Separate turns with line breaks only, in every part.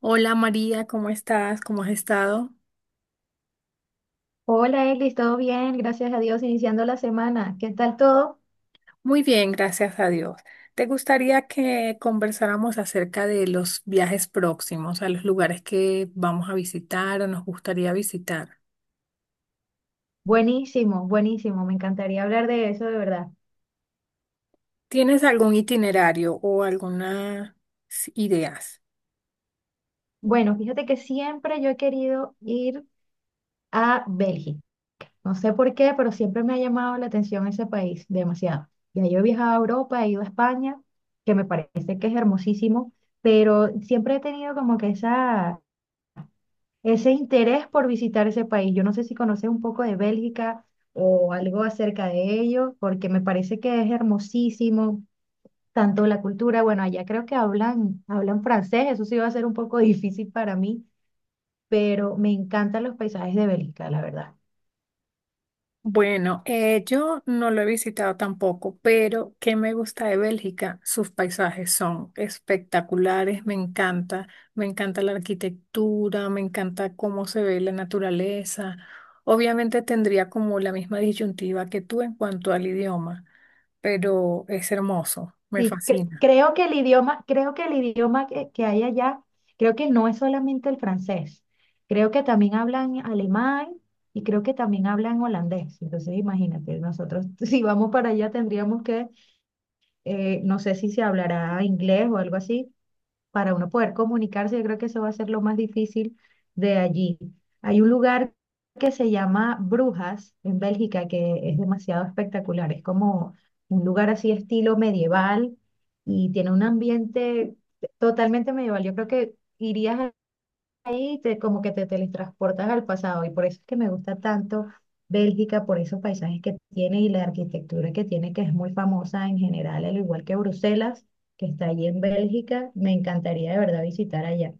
Hola María, ¿cómo estás? ¿Cómo has estado?
Hola, Eglis, ¿todo bien? Gracias a Dios, iniciando la semana. ¿Qué tal todo?
Muy bien, gracias a Dios. ¿Te gustaría que conversáramos acerca de los viajes próximos, a los lugares que vamos a visitar o nos gustaría visitar?
Buenísimo, buenísimo. Me encantaría hablar de eso, de verdad.
¿Tienes algún itinerario o algunas ideas?
Bueno, fíjate que siempre yo he querido ir a Bélgica. No sé por qué, pero siempre me ha llamado la atención ese país, demasiado. Ya yo he viajado a Europa, he ido a España, que me parece que es hermosísimo, pero siempre he tenido como que esa ese interés por visitar ese país. Yo no sé si conoces un poco de Bélgica o algo acerca de ello, porque me parece que es hermosísimo, tanto la cultura. Bueno, allá creo que hablan francés, eso sí va a ser un poco difícil para mí, pero me encantan los paisajes de Bélgica, la verdad.
Bueno, yo no lo he visitado tampoco, pero ¿qué me gusta de Bélgica? Sus paisajes son espectaculares, me encanta la arquitectura, me encanta cómo se ve la naturaleza. Obviamente tendría como la misma disyuntiva que tú en cuanto al idioma, pero es hermoso, me
Sí, cre-
fascina.
creo que el idioma, creo que el idioma que hay allá, creo que no es solamente el francés. Creo que también hablan alemán y creo que también hablan holandés. Entonces, imagínate, nosotros si vamos para allá tendríamos que, no sé si se hablará inglés o algo así, para uno poder comunicarse. Yo creo que eso va a ser lo más difícil de allí. Hay un lugar que se llama Brujas en Bélgica que es demasiado espectacular, es como un lugar así estilo medieval y tiene un ambiente totalmente medieval. Yo creo que irías ahí te, como que te teletransportas al pasado, y por eso es que me gusta tanto Bélgica, por esos paisajes que tiene y la arquitectura que tiene, que es muy famosa en general, al igual que Bruselas, que está allí en Bélgica. Me encantaría de verdad visitar allá.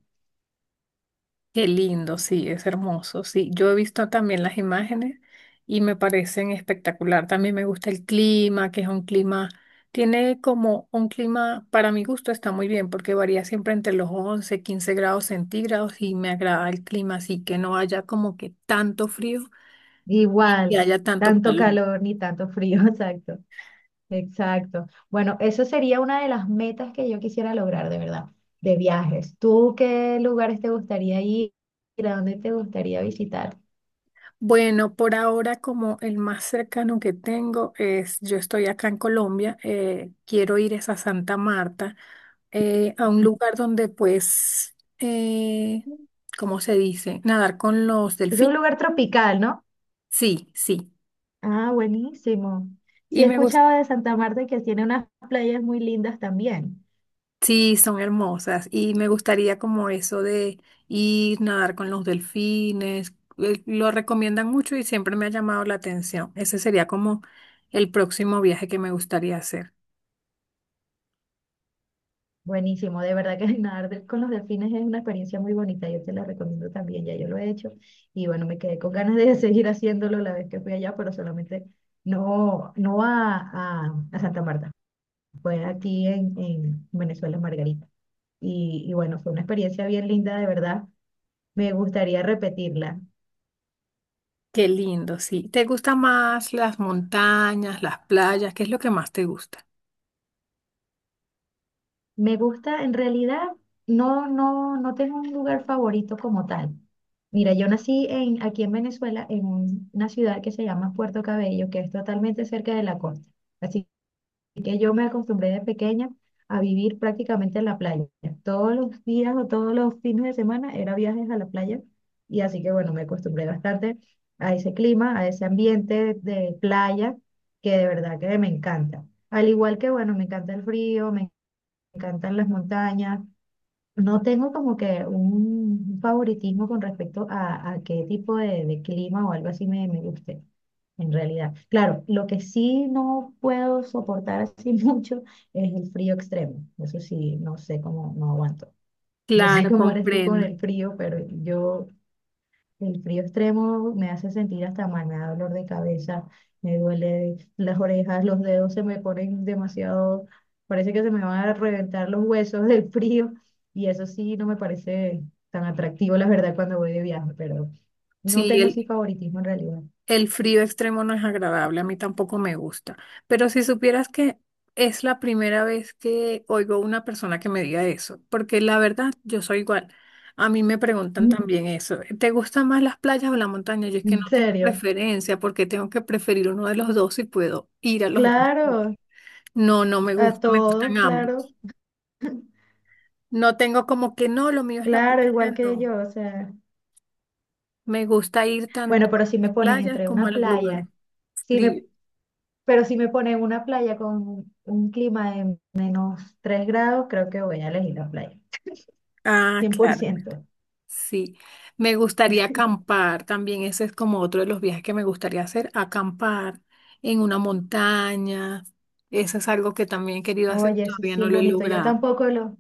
Qué lindo, sí, es hermoso. Sí, yo he visto también las imágenes y me parecen espectacular. También me gusta el clima, que es un clima, tiene como un clima, para mi gusto está muy bien, porque varía siempre entre los 11 15 grados centígrados y me agrada el clima, así que no haya como que tanto frío y
Igual,
haya tanto
tanto
calor.
calor ni tanto frío, exacto, exacto. Bueno, eso sería una de las metas que yo quisiera lograr de verdad, de viajes. ¿Tú qué lugares te gustaría ir? ¿A dónde te gustaría visitar?
Bueno, por ahora como el más cercano que tengo es, yo estoy acá en Colombia, quiero ir es a Santa Marta, a un lugar donde pues, ¿cómo se dice? Nadar con los
Es un
delfines.
lugar tropical, ¿no?
Sí, sí.
Ah, buenísimo. Sí,
Y
he
me gusta,
escuchado de Santa Marta que tiene unas playas muy lindas también.
sí, son hermosas. Y me gustaría como eso de ir, nadar con los delfines. Lo recomiendan mucho y siempre me ha llamado la atención. Ese sería como el próximo viaje que me gustaría hacer.
Buenísimo, de verdad que nadar con los delfines es una experiencia muy bonita, yo te la recomiendo también. Ya yo lo he hecho y bueno, me quedé con ganas de seguir haciéndolo la vez que fui allá, pero solamente no, no a, a Santa Marta, fue aquí en Venezuela, en Margarita. Y bueno, fue una experiencia bien linda, de verdad, me gustaría repetirla.
Qué lindo, sí. ¿Te gustan más las montañas, las playas? ¿Qué es lo que más te gusta?
Me gusta, en realidad, no tengo un lugar favorito como tal. Mira, yo nací aquí en Venezuela, en una ciudad que se llama Puerto Cabello, que es totalmente cerca de la costa. Así que yo me acostumbré de pequeña a vivir prácticamente en la playa. Todos los días o todos los fines de semana era viajes a la playa. Y así que bueno, me acostumbré bastante a ese clima, a ese ambiente de playa, que de verdad que me encanta. Al igual que, bueno, me encanta el frío, me encantan las montañas. No tengo como que un favoritismo con respecto a qué tipo de clima o algo así me guste, en realidad. Claro, lo que sí no puedo soportar así mucho es el frío extremo. Eso sí, no sé cómo, no aguanto. No sé
Claro,
cómo eres tú con
comprendo.
el frío, pero yo el frío extremo me hace sentir hasta mal, me da dolor de cabeza, me duele las orejas, los dedos se me ponen demasiado, parece que se me van a reventar los huesos del frío, y eso sí no me parece tan atractivo, la verdad, cuando voy de viaje, pero no
Sí,
tengo sí
el,
favoritismo en realidad.
el frío extremo no es agradable, a mí tampoco me gusta. Pero si supieras que es la primera vez que oigo una persona que me diga eso, porque la verdad yo soy igual. A mí me preguntan
Mm,
también eso. ¿Te gustan más las playas o la montaña? Yo es que no
en
tengo
serio,
preferencia porque tengo que preferir uno de los dos si puedo ir a los dos sitios.
claro,
No, no me
a
gusta, me gustan
todos, claro,
ambos. No tengo como que no, lo mío es la
claro, igual
playa,
que
no.
yo, o sea,
Me gusta ir tanto
bueno, pero si
a
me
las
ponen
playas
entre
como a
una
los lugares
playa, si
fríos.
me Pero si me ponen una playa con un clima de -3 grados, creo que voy a elegir la playa.
Ah, claro. Bueno,
100%.
sí, me gustaría acampar también. Ese es como otro de los viajes que me gustaría hacer, acampar en una montaña. Eso es algo que también he querido hacer y
Oye, eso
todavía
sí
no
es
lo he
bonito. Yo
logrado.
tampoco lo,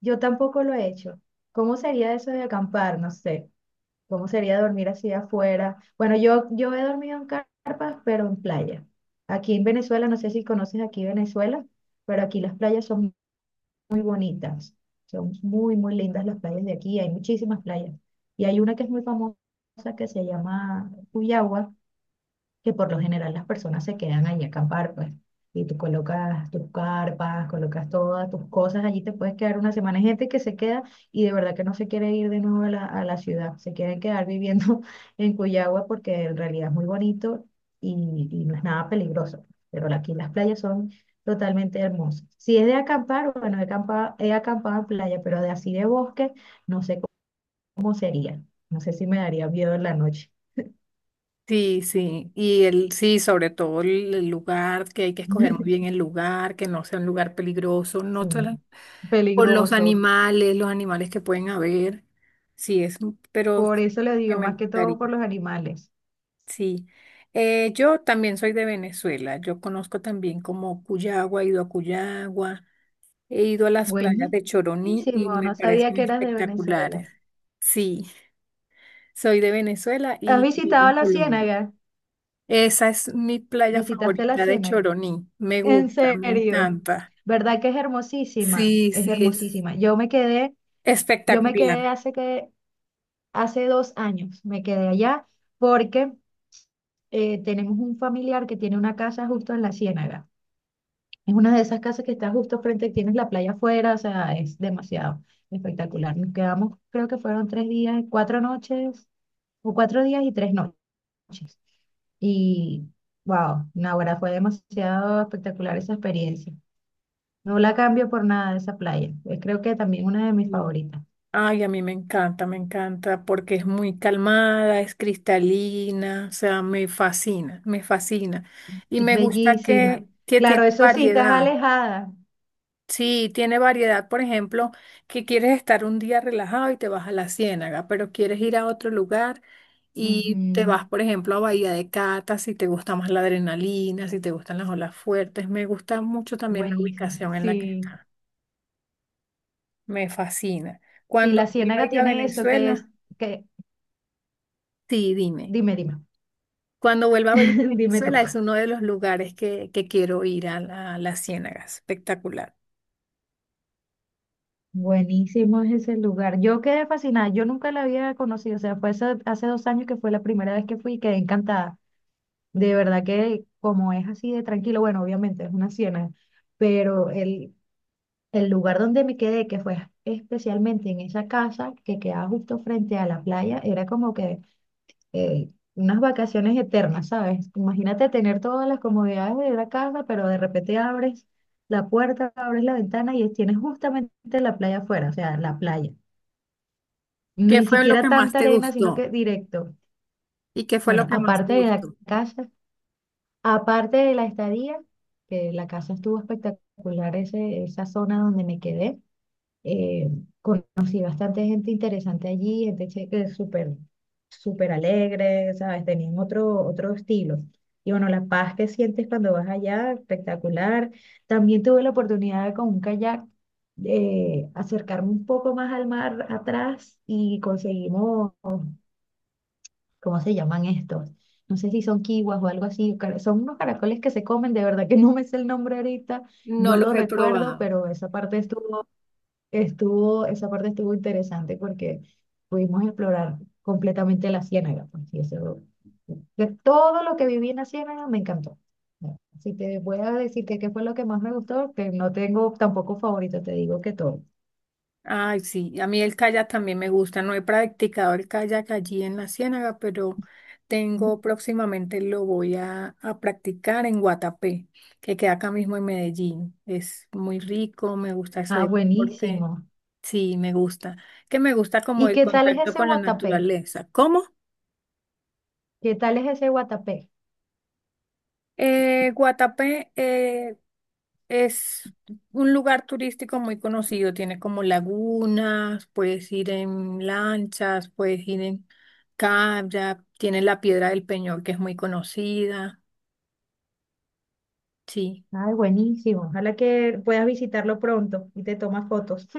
yo tampoco lo he hecho. ¿Cómo sería eso de acampar? No sé. ¿Cómo sería dormir así afuera? Bueno, yo he dormido en carpas, pero en playa. Aquí en Venezuela, no sé si conoces aquí Venezuela, pero aquí las playas son muy bonitas. Son muy, muy lindas las playas de aquí. Hay muchísimas playas. Y hay una que es muy famosa que se llama Cuyagua, que por lo general las personas se quedan allí a acampar, pues. Y tú colocas tus carpas, colocas todas tus cosas, allí te puedes quedar una semana. Hay gente que se queda y de verdad que no se quiere ir de nuevo a la ciudad, se quieren quedar viviendo en Cuyagua, porque en realidad es muy bonito y no es nada peligroso. Pero aquí las playas son totalmente hermosas. Si es de acampar, bueno, he acampado, en playa, pero de así de bosque, no sé cómo sería. No sé si me daría miedo en la noche.
Sí, sí, sí, sobre todo el lugar, que hay que escoger muy bien el lugar, que no sea un lugar peligroso, no
Sí.
solo por
Peligroso.
los animales que pueden haber, sí, es, pero
Por eso le
que
digo,
me
más que todo por
gustaría,
los animales.
sí. Yo también soy de Venezuela, yo conozco también como Cuyagua, he ido a Cuyagua, he ido a las playas
Buenísimo,
de Choroní y me
no sabía
parecen
que eras de Venezuela.
espectaculares, sí, soy de Venezuela
¿Has
y vivo
visitado
en
la
Colombia.
Ciénaga?
Esa es mi playa
¿Visitaste la
favorita de
Ciénaga?
Choroní. Me
En
gusta, me
serio,
encanta.
¿verdad que es hermosísima?
Sí,
Es
sí, es
hermosísima. Yo me quedé
espectacular.
hace 2 años, me quedé allá porque tenemos un familiar que tiene una casa justo en la Ciénaga. Es una de esas casas que está justo frente, tienes la playa afuera, o sea, es demasiado espectacular. Nos quedamos, creo que fueron 3 días, 4 noches, o 4 días y 3 noches. Y wow, ¡Naguará! Fue demasiado espectacular esa experiencia. No la cambio por nada de esa playa. Es creo que también una de mis
Sí.
favoritas.
Ay, a mí me encanta porque es muy calmada, es cristalina, o sea, me fascina, me fascina. Y
Es
me gusta
bellísima.
que
Claro,
tiene
eso sí, estás
variedad.
alejada.
Sí, tiene variedad, por ejemplo, que quieres estar un día relajado y te vas a la Ciénaga, pero quieres ir a otro lugar y te
Ujú.
vas, por ejemplo, a Bahía de Cata, si te gusta más la adrenalina, si te gustan las olas fuertes. Me gusta mucho también la
Buenísimo.
ubicación en la que
Sí,
está. Me fascina.
sí,
Cuando
la
vuelva a
Ciénaga
ir a
tiene eso que es,
Venezuela,
que,
sí, dime.
dime, dime,
Cuando vuelva a ir a
dime tú.
Venezuela es uno de los lugares que quiero ir a a la Ciénaga. Espectacular.
Buenísimo es ese lugar. Yo quedé fascinada, yo nunca la había conocido, o sea, fue hace 2 años que fue la primera vez que fui y quedé encantada. De verdad que como es así de tranquilo, bueno, obviamente es una ciénaga, pero el lugar donde me quedé, que fue especialmente en esa casa que quedaba justo frente a la playa, era como que unas vacaciones eternas, ¿sabes? Imagínate tener todas las comodidades de la casa, pero de repente abres la puerta, abres la ventana y tienes justamente la playa afuera, o sea, la playa
¿Qué
ni
fue lo
siquiera
que más
tanta
te
arena, sino
gustó?
que directo.
¿Y qué fue lo
Bueno,
que más te
aparte de la
gustó?
casa, aparte de la estadía, que la casa estuvo espectacular, esa zona donde me quedé, eh, conocí bastante gente interesante allí, gente que es súper, súper alegre, ¿sabes? Tenían otro estilo. Y bueno, la paz que sientes cuando vas allá, espectacular. También tuve la oportunidad de con un kayak de acercarme un poco más al mar atrás y conseguimos, ¿cómo se llaman estos? No sé si son kiwas o algo así, son unos caracoles que se comen, de verdad que no me sé el nombre ahorita,
No
no
los
lo
he
recuerdo,
probado.
pero esa parte estuvo interesante, porque pudimos explorar completamente la ciénaga, pues, y eso, de todo lo que viví en la Ciénaga me encantó. Si te voy a decir que qué fue lo que más me gustó, que no tengo tampoco favorito, te digo que todo.
Ay, sí, a mí el kayak también me gusta. No he practicado el kayak allí en la Ciénaga, pero tengo próximamente lo voy a practicar en Guatapé, que queda acá mismo en Medellín. Es muy rico, me gusta ese
Ah,
deporte.
buenísimo.
Sí, me gusta. Que me gusta como
¿Y
el
qué tal es
contacto
ese
con la
Guatapé?
naturaleza. ¿Cómo?
¿Qué tal es ese Guatapé?
Guatapé, es un lugar turístico muy conocido, tiene como lagunas, puedes ir en lanchas, puedes ir en kayak, tiene la Piedra del Peñol que es muy conocida. Sí.
Ay, buenísimo. Ojalá que puedas visitarlo pronto y te tomas fotos.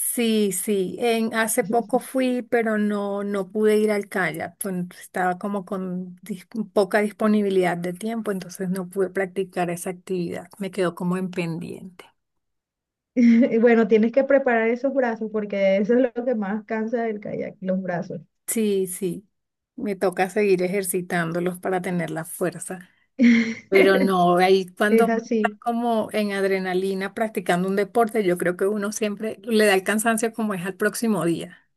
Sí, sí, en, hace poco fui, pero no, no pude ir al kayak, pues, estaba como con poca disponibilidad de tiempo, entonces no pude practicar esa actividad, me quedó como en pendiente.
Y bueno, tienes que preparar esos brazos, porque eso es lo que más cansa del kayak, los brazos.
Sí, sí, me toca seguir ejercitándolos para tener la fuerza. Pero no, ahí
Es
cuando uno está
así.
como en adrenalina practicando un deporte, yo creo que uno siempre le da el cansancio como es al próximo día.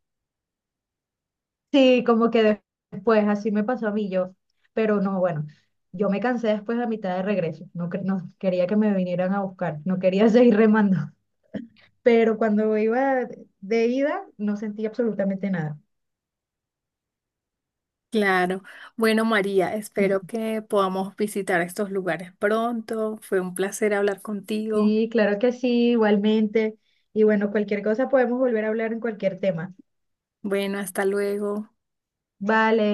Sí, como que después, así me pasó a mí yo. Pero no, bueno, yo me cansé después a mitad de regreso. No, no quería que me vinieran a buscar, no quería seguir remando. Pero cuando iba de ida, no sentí absolutamente nada.
Claro. Bueno, María, espero que podamos visitar estos lugares pronto. Fue un placer hablar contigo.
Sí, claro que sí, igualmente. Y bueno, cualquier cosa podemos volver a hablar en cualquier tema.
Bueno, hasta luego.
Vale.